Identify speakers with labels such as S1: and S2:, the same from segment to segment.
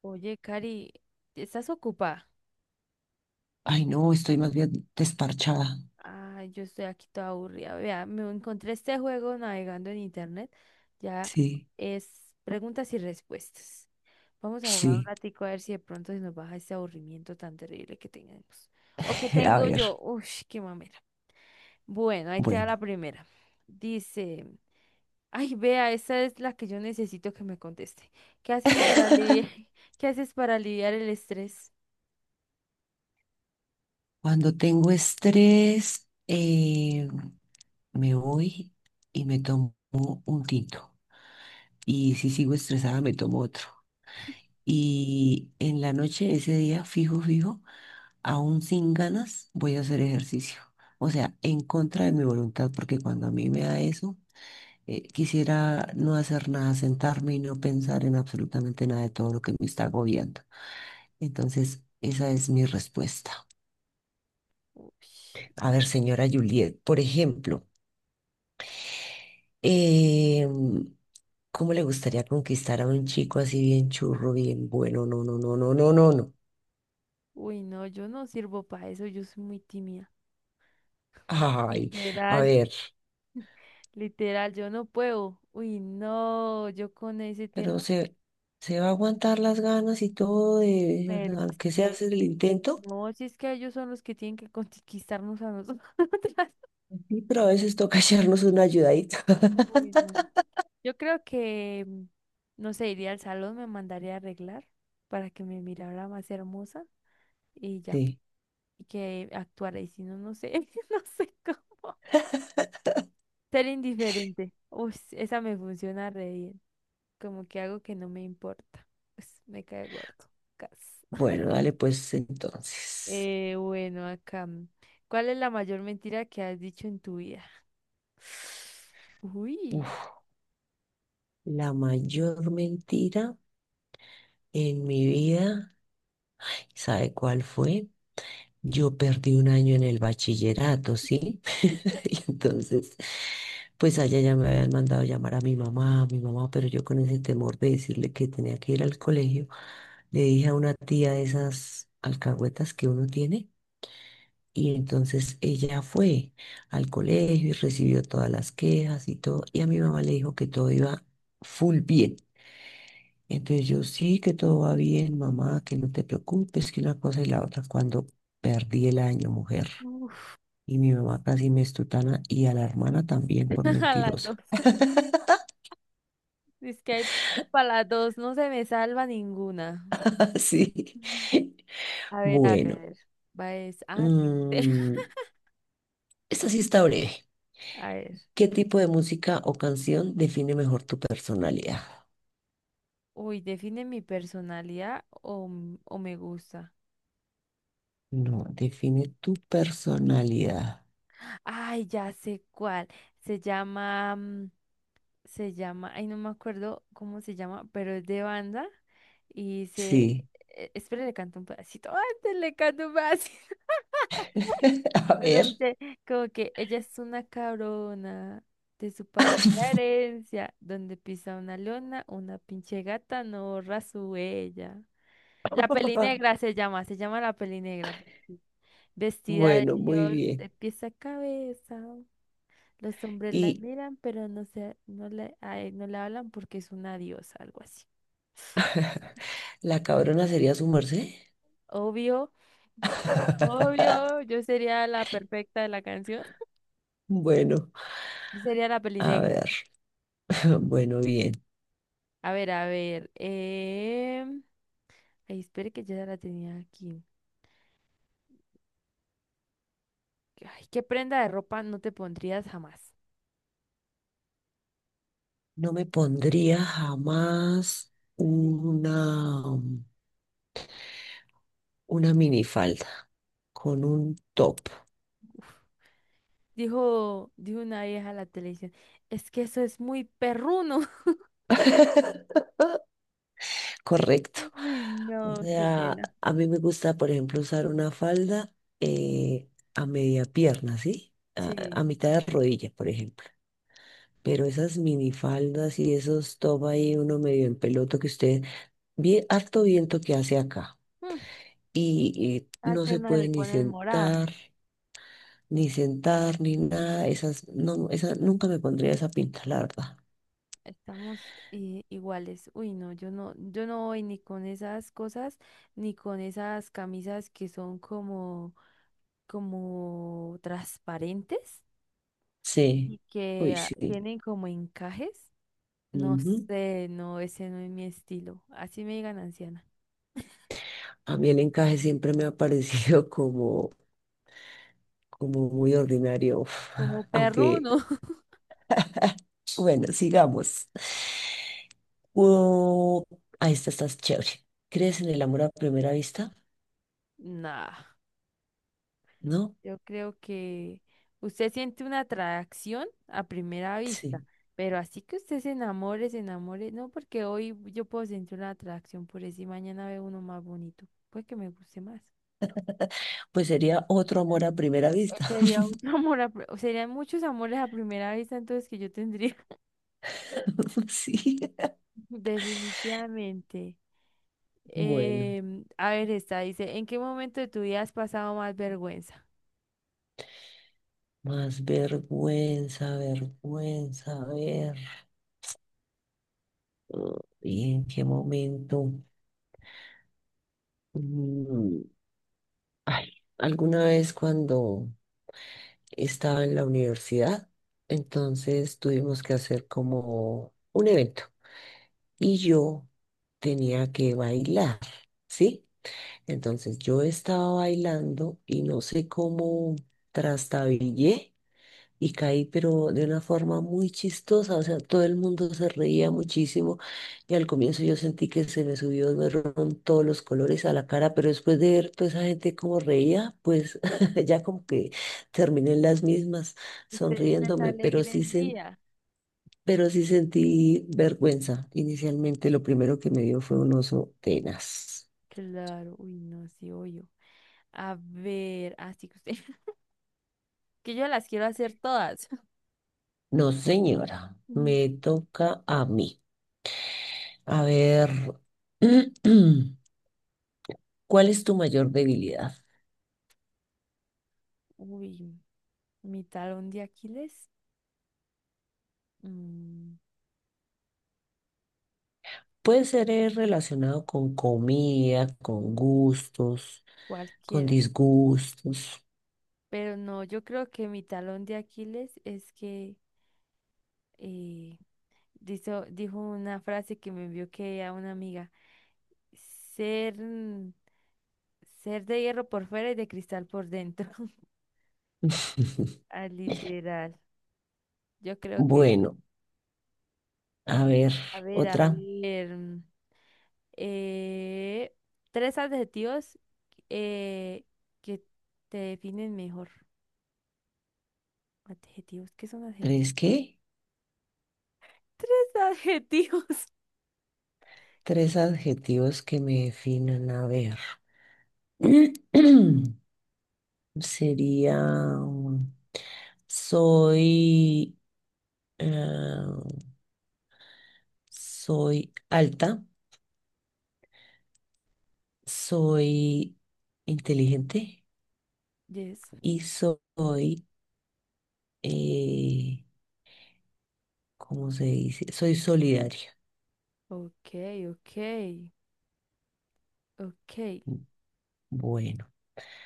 S1: Oye, Cari, ¿estás ocupada?
S2: Ay, no, estoy más bien desparchada.
S1: Ay, yo estoy aquí toda aburrida. Vea, me encontré este juego navegando en internet. Ya
S2: Sí,
S1: es preguntas y respuestas. Vamos a jugar un
S2: sí.
S1: ratico a ver si de pronto se nos baja este aburrimiento tan terrible que tenemos. O que
S2: A
S1: tengo yo.
S2: ver,
S1: Uy, qué mamera. Bueno, ahí te da la
S2: bueno,
S1: primera. Dice, ay, vea, esa es la que yo necesito que me conteste. ¿Qué haces para aliviar, qué haces para aliviar el estrés?
S2: cuando tengo estrés, me voy y me tomo un tinto. Y si sigo estresada, me tomo otro. Y en la noche, ese día, fijo, aún sin ganas, voy a hacer ejercicio. O sea, en contra de mi voluntad, porque cuando a mí me da eso, quisiera no hacer nada, sentarme y no pensar en absolutamente nada de todo lo que me está agobiando. Entonces, esa es mi respuesta.
S1: Uy.
S2: A ver, señora Juliet, por ejemplo, em, ¿cómo le gustaría conquistar a un chico así bien churro, bien bueno? No, no, no, no, no, no, no.
S1: Uy, no, yo no sirvo para eso, yo soy muy tímida.
S2: Ay, a
S1: Literal.
S2: ver,
S1: Literal, yo no puedo. Uy, no, yo con ese
S2: pero
S1: tema,
S2: se va a aguantar las ganas y todo de,
S1: pero es
S2: aunque sea
S1: que
S2: hacer el intento.
S1: no, si es que ellos son los que tienen que conquistarnos a nosotros.
S2: Sí, pero a veces toca echarnos una ayudadita.
S1: Uy, no. Yo creo que, no sé, iría al salón, me mandaría a arreglar para que me mirara más hermosa y ya,
S2: Sí,
S1: y que actuara, y si no, no sé, no sé cómo. Ser indiferente. Uy, esa me funciona re bien. Como que algo que no me importa. Pues me cae gordo. Cas.
S2: bueno, dale pues entonces.
S1: Bueno, acá. ¿Cuál es la mayor mentira que has dicho en tu vida? Uy.
S2: Uf, la mayor mentira en mi vida, ¿sabe cuál fue? Yo perdí un año en el bachillerato, ¿sí? Y entonces, pues allá ya me habían mandado llamar a mi mamá, pero yo con ese temor de decirle que tenía que ir al colegio, le dije a una tía de esas alcahuetas que uno tiene, y entonces ella fue al colegio y recibió todas las quejas y todo, y a mi mamá le dijo que todo iba full bien. Entonces yo sí que todo va bien, mamá, que no te preocupes, que una cosa y la otra, cuando perdí el año, mujer.
S1: Uf,
S2: Y mi mamá casi me estutana y a la hermana también por
S1: a las dos.
S2: mentirosa.
S1: Es que hay para las dos. No se me salva ninguna.
S2: Sí.
S1: Ujú. A ver, a
S2: Bueno,
S1: ver. Va es. Ah, sí.
S2: mm, esta sí está breve.
S1: A ver.
S2: ¿Qué tipo de música o canción define mejor tu personalidad?
S1: Uy, define mi personalidad o, o me gusta.
S2: No, define tu personalidad.
S1: Ay, ya sé cuál. Se llama. Se llama, ay, no me acuerdo cómo se llama, pero es de banda y se,
S2: Sí.
S1: espere, le canto un pedacito, antes le canto un pedacito,
S2: A
S1: pero
S2: ver.
S1: dice como que ella es una cabrona de su papá la herencia, donde pisa una leona, una pinche gata no borra su huella. La peli negra se llama la peli negra, vestida de
S2: Bueno, muy
S1: Dior
S2: bien.
S1: de pies a cabeza. Los hombres la
S2: ¿Y
S1: miran, pero no se, no le, a él no le hablan porque es una diosa, algo así.
S2: la cabrona sería su merced?
S1: Obvio, obvio, yo sería la perfecta de la canción.
S2: Bueno,
S1: Yo sería la
S2: a
S1: pelinegra.
S2: ver. Bueno, bien.
S1: A ver, a ver. Ay, espere que yo ya la tenía aquí. Ay, ¿qué prenda de ropa no te pondrías jamás?
S2: No me pondría jamás
S1: Sí.
S2: una, una minifalda con un top,
S1: Dijo, dijo una vieja a la televisión. Es que eso es muy perruno.
S2: correcto.
S1: Uy,
S2: O
S1: no, qué
S2: sea,
S1: pena.
S2: a mí me gusta, por ejemplo, usar una falda eh, a media pierna, ¿sí? A
S1: Sí.
S2: mitad de rodilla, por ejemplo. Pero esas minifaldas y esos top ahí, uno medio en peloto que usted, bien, harto viento que hace acá.
S1: Mm,
S2: Y,
S1: a
S2: y no se
S1: Atenas
S2: puede
S1: le
S2: ni
S1: ponen morada.
S2: sentar, ni sentar, ni nada. Esas, no, esa, nunca me pondría esa pinta, la verdad.
S1: Estamos iguales. Uy, no, yo no voy ni con esas cosas, ni con esas camisas que son como, como transparentes
S2: Sí,
S1: y
S2: hoy
S1: que ah,
S2: sí.
S1: tienen como encajes. No
S2: Ujú.
S1: sé, no, ese no es mi estilo. Así me digan anciana.
S2: A mí el encaje siempre me ha parecido como, como muy ordinario,
S1: Como perruno.
S2: aunque, bueno, sigamos. Oh, ahí está, estás chévere. ¿Crees en el amor a primera vista?
S1: Nah.
S2: ¿No?
S1: Yo creo que usted siente una atracción a primera vista,
S2: Sí.
S1: pero así que usted se enamore, no, porque hoy yo puedo sentir una atracción por eso y mañana veo uno más bonito, pues que me guste más.
S2: Pues sería otro
S1: Hoy
S2: amor a primera vista.
S1: sería otro amor, a pri- serían muchos amores a primera vista, entonces que yo tendría
S2: Sí.
S1: definitivamente.
S2: Bueno,
S1: A ver, esta dice, ¿en qué momento de tu vida has pasado más vergüenza?
S2: más vergüenza, vergüenza, a ver. Ah, ¿y en qué momento? Mm, ay, alguna vez cuando estaba en la universidad, entonces tuvimos que hacer como un evento y yo tenía que bailar, ¿sí? Entonces yo estaba bailando y no sé cómo trastabillé y caí, pero de una forma muy chistosa, o sea, todo el mundo se reía muchísimo y al comienzo yo sentí que se me subió, me fueron todos los colores a la cara, pero después de ver toda esa gente como reía, pues ya como que terminé en las mismas
S1: Usted les
S2: sonriéndome,
S1: alegre el día.
S2: pero sí sentí vergüenza. Inicialmente lo primero que me dio fue un oso tenaz.
S1: Claro, uy, no, sí, obvio. A ver, así que usted, que yo las quiero hacer todas.
S2: No, señora,
S1: Mm,
S2: me toca a mí. A ver, ¿cuál es tu mayor debilidad?
S1: uy, mi talón de Aquiles, mm,
S2: Puede ser relacionado con comida, con gustos, con
S1: cualquiera.
S2: disgustos.
S1: Pero no, yo creo que mi talón de Aquiles es que eh, dijo una frase que me envió que a una amiga, ser, ser de hierro por fuera y de cristal por dentro. Ah, literal. Yo creo que,
S2: Bueno, a ver,
S1: a ver, a
S2: otra.
S1: ver. Eh, tres adjetivos eh, que te definen mejor. Adjetivos, ¿qué son adjetivos?
S2: ¿Tres qué?
S1: Tres adjetivos.
S2: Tres adjetivos que me definan. A ver. Sería, um, soy, eh, soy alta, soy inteligente
S1: Yes.
S2: y soy, eh, ¿cómo se dice? Soy solidario.
S1: Ok, ok, ok.
S2: Bueno,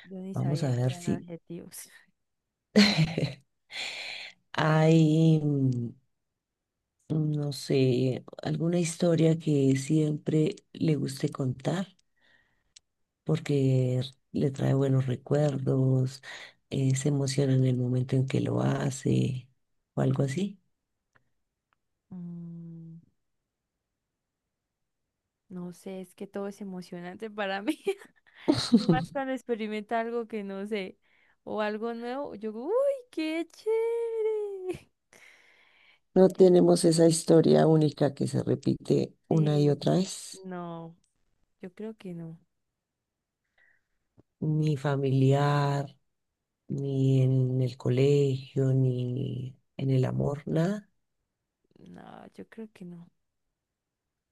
S1: Yo ni
S2: vamos a
S1: sabía que
S2: ver
S1: eran
S2: si
S1: adjetivos.
S2: hay, no sé, alguna historia que siempre le guste contar porque le trae buenos recuerdos, se emociona en el momento en que lo hace o algo así.
S1: Mm, no sé, es que todo es emocionante para mí. Y más cuando experimenta algo que no sé o algo nuevo, yo, digo, uy, qué chévere.
S2: No tenemos
S1: Mm,
S2: esa historia única que se repite una y
S1: sí,
S2: otra vez,
S1: no. Yo creo que no.
S2: ni familiar, ni en el colegio, ni en el amor, nada.
S1: No, yo creo que no.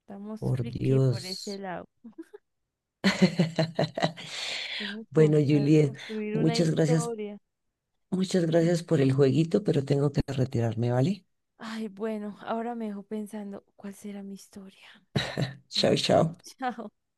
S1: Estamos
S2: Por
S1: friki por ese
S2: Dios.
S1: lado. Tenemos que
S2: Bueno,
S1: buscar
S2: Juliet,
S1: construir una
S2: muchas gracias,
S1: historia.
S2: muchas gracias por el jueguito, pero tengo que retirarme, ¿vale?
S1: Ay, bueno, ahora me dejó pensando, ¿cuál será mi historia?
S2: Chao,
S1: Mm,
S2: chao.
S1: chao.